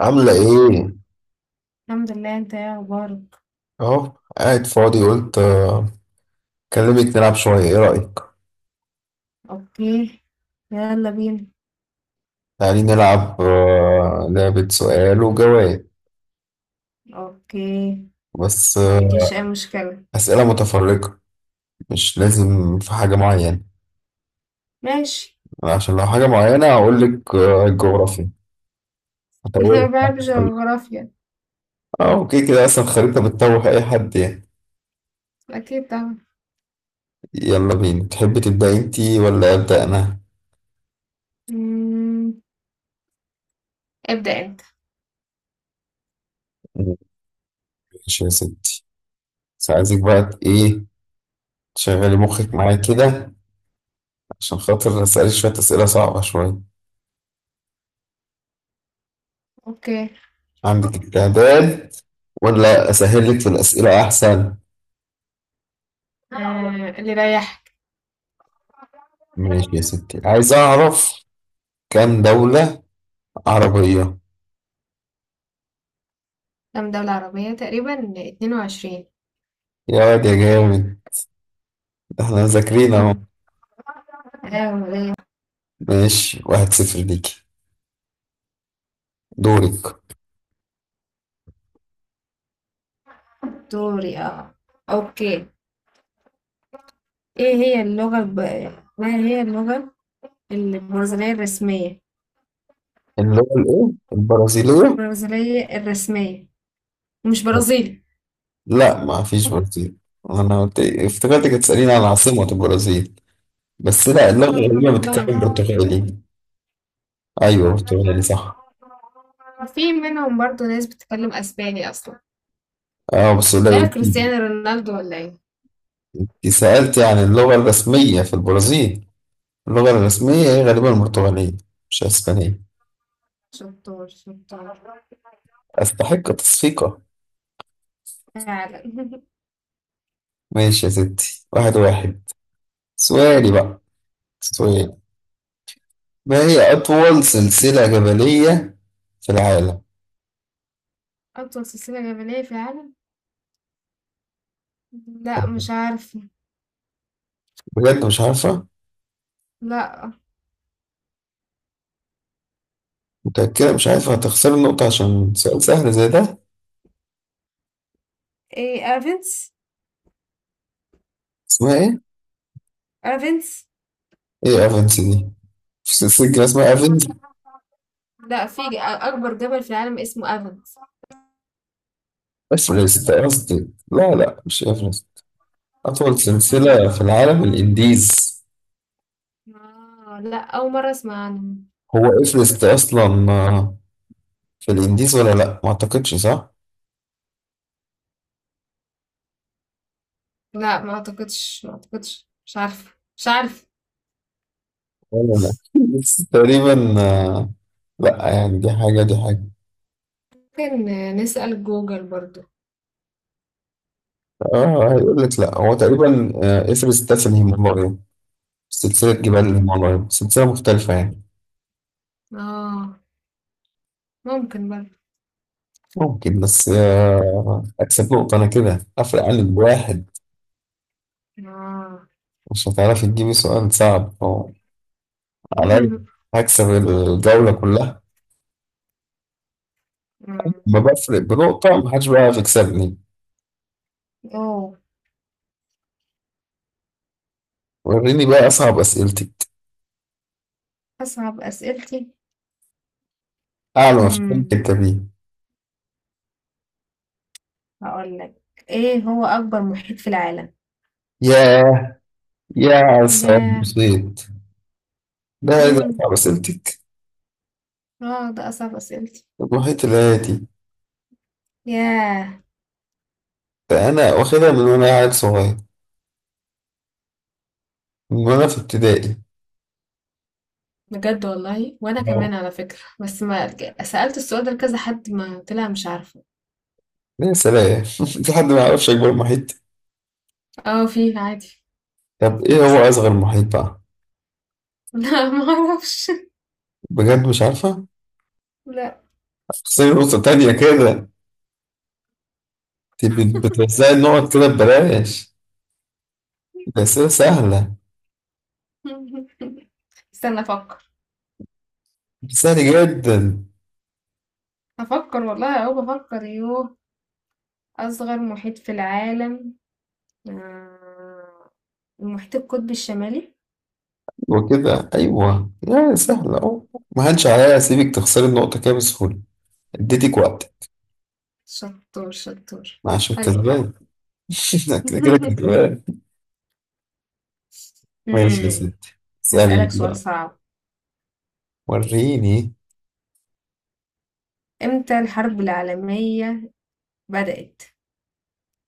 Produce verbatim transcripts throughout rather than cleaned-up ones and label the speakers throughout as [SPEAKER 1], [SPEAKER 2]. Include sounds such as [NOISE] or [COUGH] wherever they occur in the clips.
[SPEAKER 1] عاملة إيه؟
[SPEAKER 2] الحمد لله. انت ايه اخبارك؟
[SPEAKER 1] أهو قاعد فاضي، قلت آه، أكلمك نلعب شوية، إيه رأيك؟
[SPEAKER 2] اوكي، يلا بينا.
[SPEAKER 1] تعالي نلعب آه، لعبة سؤال وجواب،
[SPEAKER 2] اوكي،
[SPEAKER 1] بس
[SPEAKER 2] ما
[SPEAKER 1] آه،
[SPEAKER 2] عنديش اي مشكلة.
[SPEAKER 1] أسئلة متفرقة، مش لازم في حاجة معينة،
[SPEAKER 2] ماشي.
[SPEAKER 1] عشان لو حاجة معينة هقولك. آه، الجغرافيا
[SPEAKER 2] [LAUGHS]
[SPEAKER 1] هتوه.
[SPEAKER 2] انا ما بحبش الجغرافيا.
[SPEAKER 1] أه أوكي، كده أصلا الخريطة بتتوه أي حد يعني.
[SPEAKER 2] اكيد طبعا.
[SPEAKER 1] يلا بينا، تحبي تبدأي أنتي ولا أبدأ أنا؟
[SPEAKER 2] مم، ابدأ انت.
[SPEAKER 1] ماشي يا ستي، بس عايزك بقى ت- إيه، تشغلي مخك معايا كده، عشان خاطر أسألك شوية أسئلة صعبة شوية.
[SPEAKER 2] اوكي.
[SPEAKER 1] عندك استعداد ولا أسهل لك في الأسئلة أحسن؟
[SPEAKER 2] آه، اللي رايح.
[SPEAKER 1] ماشي يا ستي، عايز أعرف كام دولة عربية.
[SPEAKER 2] كام دولة عربية تقريبا؟ اثنين وعشرين.
[SPEAKER 1] يا واد يا جامد، احنا مذاكرين أهو.
[SPEAKER 2] مم. ايوه، ليه؟
[SPEAKER 1] ماشي، واحد صفر ليكي. دورك.
[SPEAKER 2] دوري اه. اوكي. ايه هي اللغة الب... ما هي اللغة البرازيلية الرسمية؟
[SPEAKER 1] اللي هو الإيه؟ البرازيلية؟
[SPEAKER 2] البرازيلية الرسمية، مش برازيلي.
[SPEAKER 1] لا ما فيش برازيل. أنا قلت إيه؟ افتكرتك هتسأليني عن عاصمة البرازيل، بس لا، اللغة
[SPEAKER 2] آه،
[SPEAKER 1] الغربية بتتكلم
[SPEAKER 2] لغة.
[SPEAKER 1] برتغالي. أيوه برتغالي صح.
[SPEAKER 2] في منهم برضو ناس بتتكلم اسباني اصلا.
[SPEAKER 1] أه بس
[SPEAKER 2] مش عارف،
[SPEAKER 1] قليل.
[SPEAKER 2] كريستيانو رونالدو ولا ايه.
[SPEAKER 1] أنت سألتي عن اللغة الرسمية في البرازيل، اللغة الرسمية هي غالبا البرتغالية، مش أسبانية.
[SPEAKER 2] شطار شطار.
[SPEAKER 1] أستحق تصفيقة.
[SPEAKER 2] فعلا [LAUGHS]
[SPEAKER 1] ماشي يا ستي، واحد واحد. سؤالي بقى، سؤال. ما هي أطول سلسلة جبلية في العالم؟
[SPEAKER 2] اطول سلسلة جبلية في العالم؟ لا، مش عارفة.
[SPEAKER 1] بجد مش عارفة؟
[SPEAKER 2] لا.
[SPEAKER 1] متأكدة مش عارفة؟ هتخسر النقطة عشان سؤال سهل زي ده.
[SPEAKER 2] ايه، افنس.
[SPEAKER 1] اسمها إيه؟
[SPEAKER 2] افنس.
[SPEAKER 1] إيه أفنس دي؟ في سلسلة جبال اسمها أفنس؟
[SPEAKER 2] لا في ج- اكبر جبل في العالم اسمه افنس.
[SPEAKER 1] أفرست قصدي، لا لا مش أفرست. أطول سلسلة في العالم الإنديز.
[SPEAKER 2] آه، لا، اول مرة اسمع عنه.
[SPEAKER 1] هو إفرست أصلا آه، في الانديز ولا لا؟ ما اعتقدش صح.
[SPEAKER 2] لا ما اعتقدش ما اعتقدش، مش عارفة مش عارفة.
[SPEAKER 1] ولا لا [LAUGHS] بس تقريبا، آه، لا يعني دي حاجه دي حاجه.
[SPEAKER 2] ممكن نسأل جوجل برضو.
[SPEAKER 1] اه هيقول لك. لا هو تقريبا آه، اسم سلسله الهيمالايا، سلسله جبال
[SPEAKER 2] مم.
[SPEAKER 1] الهيمالايا سلسله مختلفه يعني.
[SPEAKER 2] اه، ممكن برضو.
[SPEAKER 1] ممكن، بس آه، اكسب نقطه انا كده، افرق عنك بواحد.
[SPEAKER 2] آه.
[SPEAKER 1] مش هتعرفي تجيبي سؤال صعب أو عليا.
[SPEAKER 2] [LAUGHS]
[SPEAKER 1] هكسب الجوله كلها.
[SPEAKER 2] إمم.
[SPEAKER 1] ما بفرق بنقطه، محدش بقى يكسبني.
[SPEAKER 2] أوه!
[SPEAKER 1] وريني بقى اصعب اسئلتك،
[SPEAKER 2] أصعب أسئلتي،
[SPEAKER 1] اعلى ما فهمت
[SPEAKER 2] إمم،
[SPEAKER 1] انت بيه.
[SPEAKER 2] هاقول لك، إيه هو أكبر محيط في العالم؟
[SPEAKER 1] ياه يا سعد،
[SPEAKER 2] ياه!
[SPEAKER 1] بسيط. لا لا،
[SPEAKER 2] إمم،
[SPEAKER 1] صعب سألتك.
[SPEAKER 2] آه، ده أصعب أسئلتي.
[SPEAKER 1] المحيط الهادي.
[SPEAKER 2] ياه!
[SPEAKER 1] ده أنا واخدها من وأنا عيل صغير، من وأنا في ابتدائي.
[SPEAKER 2] بجد والله، وأنا
[SPEAKER 1] أوه.
[SPEAKER 2] كمان على فكرة، بس ما ك سألت السؤال ده لكذا حد، ما طلع مش عارفة.
[SPEAKER 1] يا سلام [LAUGHS] في حد ما يعرفش أكبر محيط؟
[SPEAKER 2] آه، فيه عادي.
[SPEAKER 1] طب إيه هو أصغر محيط بقى؟
[SPEAKER 2] [LAUGHS] لأ، ما أعرفش.
[SPEAKER 1] بجد مش عارفة؟
[SPEAKER 2] لأ.
[SPEAKER 1] خسري نقطة تانية كده. أنت بتوزعي النقط كده ببلاش، ده أسئلة سهلة.
[SPEAKER 2] [LAUGHS] استنى أفكر،
[SPEAKER 1] سهل جدا.
[SPEAKER 2] هافكر والله أهو بافكر. يوه! أصغر محيط في العالم، آه، المحيط القطبي الشمالي.
[SPEAKER 1] وكده أيوه يا سهلة أهو، ما هنش عليها أسيبك تخسري النقطة كده بسهولة، اديتك وقت.
[SPEAKER 2] شطور شطور.
[SPEAKER 1] عشان
[SPEAKER 2] حلو حلو.
[SPEAKER 1] كسبان. [LAUGHS] كده كده
[SPEAKER 2] [LAUGHS]
[SPEAKER 1] كده. ماشي يا
[SPEAKER 2] امم
[SPEAKER 1] ستي، اسألي
[SPEAKER 2] هسألك
[SPEAKER 1] انت
[SPEAKER 2] سؤال
[SPEAKER 1] بقى.
[SPEAKER 2] صعب.
[SPEAKER 1] وريني.
[SPEAKER 2] امتى الحرب العالمية بدأت؟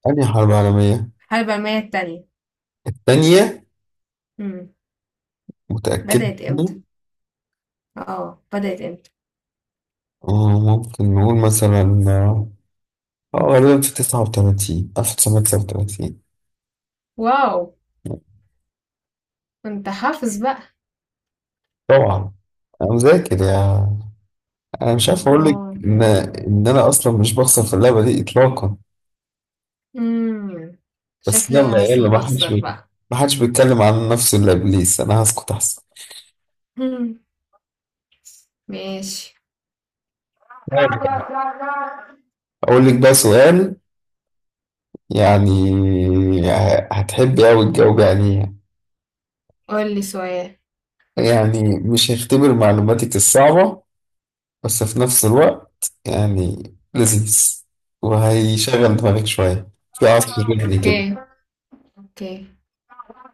[SPEAKER 1] أنهي حرب عالمية؟
[SPEAKER 2] الحرب العالمية التانية.
[SPEAKER 1] التانية؟
[SPEAKER 2] امم
[SPEAKER 1] متأكد
[SPEAKER 2] بدأت
[SPEAKER 1] منها؟
[SPEAKER 2] امتى. اه بدأت امتى.
[SPEAKER 1] آه، ممكن نقول مثلا، اه آه، غالبا في تسعة وتلاتين ألف وتسعمية وتسعة وتلاتين.
[SPEAKER 2] واو، انت حافظ بقى.
[SPEAKER 1] طبعا، أنا مذاكر يا، أنا مش عارف أقول لك
[SPEAKER 2] اه.
[SPEAKER 1] إن إن أنا أصلا مش بخسر في اللعبة دي إطلاقا.
[SPEAKER 2] امم
[SPEAKER 1] بس
[SPEAKER 2] شكلي
[SPEAKER 1] يلا
[SPEAKER 2] انا بس
[SPEAKER 1] يلا،
[SPEAKER 2] اللي
[SPEAKER 1] ما حدش
[SPEAKER 2] بخسر
[SPEAKER 1] بي-
[SPEAKER 2] بقى.
[SPEAKER 1] ما حدش بيتكلم عن نفسه إلا إبليس، أنا هسكت أحسن.
[SPEAKER 2] [LAUGHS] مم. ماشي.
[SPEAKER 1] أقول لك بقى سؤال، يعني، ه- هتحبي أوي الجو يعني،
[SPEAKER 2] قول لي سؤال.
[SPEAKER 1] يعني مش هيختبر معلوماتك الصعبة، بس في نفس الوقت يعني لذيذ، وهيشغل دماغك شوية في عصف ذهني
[SPEAKER 2] اوكي،
[SPEAKER 1] كده.
[SPEAKER 2] اوكي.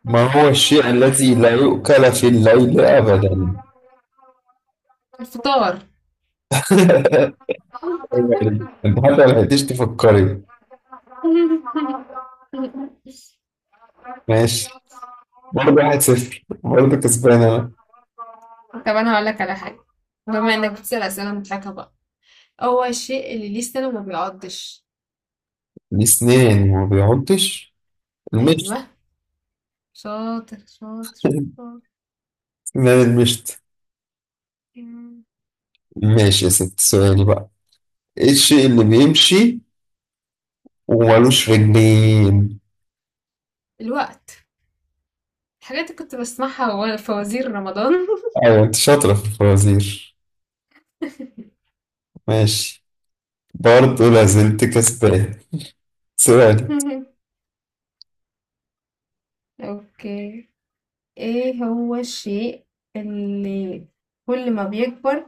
[SPEAKER 1] ما هو الشيء الذي لا يؤكل في الليل أبدا؟
[SPEAKER 2] الفطار.
[SPEAKER 1] [LAUGHS] يعني أنت حتى ما لحقتيش تفكري. ماشي، برضه واحد صفر، برضه كسبان أنا.
[SPEAKER 2] طب انا هقول لك على حاجه، بما انك بتسال اسئله مضحكه بقى. هو الشيء اللي ليه سنه وما بيعضش.
[SPEAKER 1] الأسنان ما بيعضش، المشط.
[SPEAKER 2] ايوه، شاطر شاطر
[SPEAKER 1] [LAUGHS]
[SPEAKER 2] شاطر.
[SPEAKER 1] أسنان المشط. ماشي يا ست، سؤالي بقى، ايه الشيء اللي بيمشي ومالوش رجلين؟
[SPEAKER 2] الوقت. الحاجات اللي كنت بسمعها وانا في وزير رمضان.
[SPEAKER 1] ايوه انت شاطرة في الفوازير. ماشي، برضه لازلت كسبان. سؤالي.
[SPEAKER 2] [LAUGHS] اوكي. ايه هو الشيء اللي كل ما بيكبر،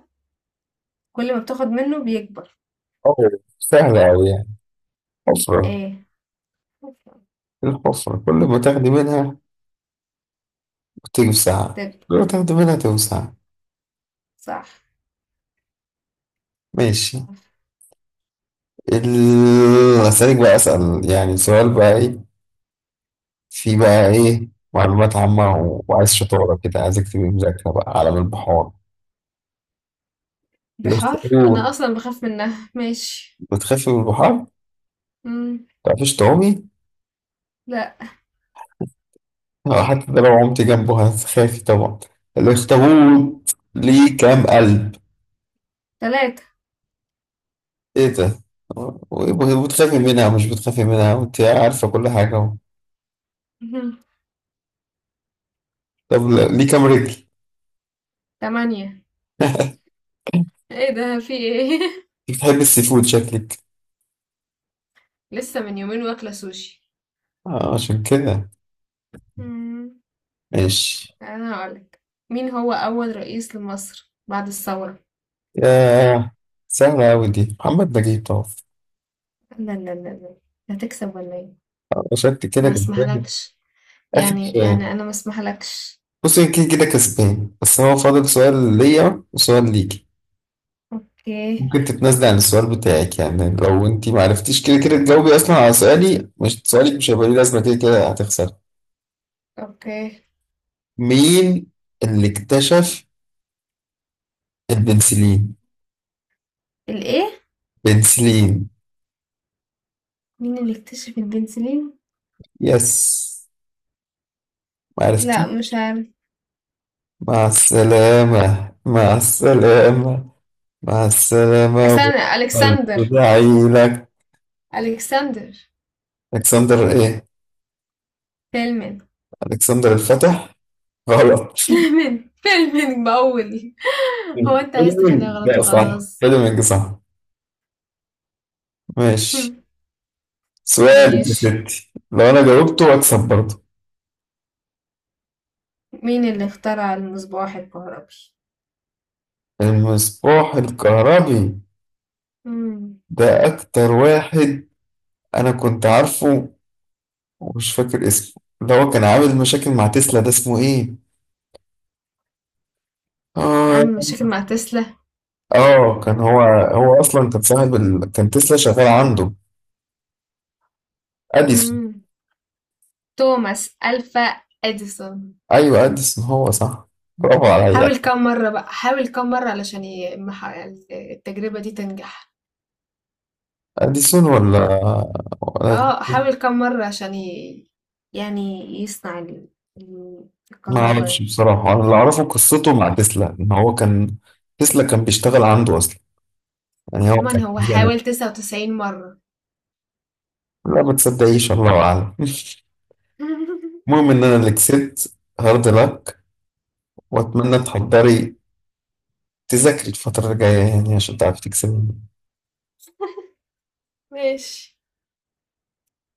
[SPEAKER 2] كل ما بتاخد منه بيكبر؟
[SPEAKER 1] أوه، سهلة أوي يعني، حفرة.
[SPEAKER 2] ايه؟
[SPEAKER 1] إيه، الحفرة كل ما تاخدي منها بتوسع،
[SPEAKER 2] بتكبر.
[SPEAKER 1] كل ما تاخدي منها توسع.
[SPEAKER 2] صح.
[SPEAKER 1] ماشي.
[SPEAKER 2] صح.
[SPEAKER 1] ال... أسألك بقى، أسأل يعني سؤال بقى إيه، في بقى إيه معلومات عامة، و- وعايز شطارة كده، عايزك تبقي مذاكرة بقى عالم البحار.
[SPEAKER 2] بحار،
[SPEAKER 1] الاخطبوط.
[SPEAKER 2] انا اصلا بخاف منها. ماشي.
[SPEAKER 1] بتخافي من البحار؟
[SPEAKER 2] مم.
[SPEAKER 1] متعرفيش تعومي؟
[SPEAKER 2] لا.
[SPEAKER 1] آه، حتى ده لو عمت جنبه هتخافي طبعا. الاخطبوط ليه كام قلب؟
[SPEAKER 2] ثلاثة.
[SPEAKER 1] ايه ده، وبتخافي منها؟ مش بتخافي منها وانت عارفة كل حاجة اهو.
[SPEAKER 2] [LAUGHS]
[SPEAKER 1] طب ليه كام رجل؟
[SPEAKER 2] تمانية.
[SPEAKER 1] [LAUGHS]
[SPEAKER 2] ايه ده، في ايه؟ [LAUGHS]
[SPEAKER 1] بتحب السي فود شكلك.
[SPEAKER 2] لسه من يومين واكلة سوشي.
[SPEAKER 1] آه عشان كده.
[SPEAKER 2] مم.
[SPEAKER 1] ماشي.
[SPEAKER 2] انا هقولك، مين هو اول رئيس لمصر بعد الثورة؟
[SPEAKER 1] يا، سهلة أوي دي، محمد نجيب طبعا.
[SPEAKER 2] لا لا لا لا. هتكسب ولا ايه؟
[SPEAKER 1] شكلك كده
[SPEAKER 2] انا ما
[SPEAKER 1] كسبان.
[SPEAKER 2] اسمحلكش.
[SPEAKER 1] آخر
[SPEAKER 2] يعني
[SPEAKER 1] سؤال.
[SPEAKER 2] يعني انا ما اسمحلكش.
[SPEAKER 1] بصي، يمكن كده كسبان بس هو فاضل سؤال ليا وسؤال ليك.
[SPEAKER 2] اوكي.
[SPEAKER 1] ممكن تتنازلي عن السؤال بتاعك، يعني لو انت ما عرفتيش كده كده تجاوبي اصلا على سؤالي مش سؤالك، مش هيبقى ليه لازمه، كده كده هتخسري.
[SPEAKER 2] اوكي.
[SPEAKER 1] مين اللي اكتشف البنسلين؟
[SPEAKER 2] الايه؟
[SPEAKER 1] بنسلين.
[SPEAKER 2] مين اللي اكتشف البنسلين؟
[SPEAKER 1] يس، ما
[SPEAKER 2] لا،
[SPEAKER 1] عرفتي؟
[SPEAKER 2] مش عارف.
[SPEAKER 1] مع السلامة، مع السلامة، مع السلامة.
[SPEAKER 2] استنى، الكسندر.
[SPEAKER 1] عيلك.
[SPEAKER 2] الكسندر.
[SPEAKER 1] الكسندر ايه؟
[SPEAKER 2] فيلمين.
[SPEAKER 1] الكسندر الفتح. غلط.
[SPEAKER 2] فيلمين فيلمين بقول. [LAUGHS] هو
[SPEAKER 1] [LAUGHS]
[SPEAKER 2] انت عايز
[SPEAKER 1] فيلمينج
[SPEAKER 2] تخليها غلط
[SPEAKER 1] ده صح،
[SPEAKER 2] وخلاص.
[SPEAKER 1] فيلمينج صح. ماشي،
[SPEAKER 2] [LAUGHS]
[SPEAKER 1] سؤالك يا
[SPEAKER 2] ماشي.
[SPEAKER 1] ستي، لو أنا جاوبته أكسب برضه.
[SPEAKER 2] مين اللي اخترع المصباح الكهربي؟
[SPEAKER 1] المصباح الكهربي.
[SPEAKER 2] مم.
[SPEAKER 1] ده أكتر واحد أنا كنت عارفه ومش فاكر اسمه، اللي هو كان عامل مشاكل مع تسلا، ده اسمه إيه؟ آه.
[SPEAKER 2] عامل مشاكل مع تسلا.
[SPEAKER 1] آه كان هو، هو أصلا كان صاحب ال... كان تسلا شغال عنده. أديسون.
[SPEAKER 2] مم. توماس ألفا إديسون.
[SPEAKER 1] أيوه أديسون هو صح. برافو عليا.
[SPEAKER 2] حاول كم مرة بقى حاول كم مرة علشان ي- مح- التجربة دي تنجح.
[SPEAKER 1] أديسون، ولا ولا
[SPEAKER 2] اه، حاول كم مرة عشان ي... يعني يصنع ال- ال-
[SPEAKER 1] ما أعرفش
[SPEAKER 2] الكهرباء.
[SPEAKER 1] بصراحة. أنا اللي أعرفه قصته مع تسلا، إن هو كان، تسلا كان بيشتغل عنده أصلا، يعني هو
[SPEAKER 2] عموما
[SPEAKER 1] كان
[SPEAKER 2] هو
[SPEAKER 1] في انا.
[SPEAKER 2] حاول تسعة وتسعين مرة.
[SPEAKER 1] لا ما تصدقيش، الله اعلم.
[SPEAKER 2] [LAUGHS]
[SPEAKER 1] المهم ان انا اللي كسبت، هارد لك، واتمنى تحضري، تذاكري الفترة الجاية يعني عشان تعرفي تكسبي.
[SPEAKER 2] ماشي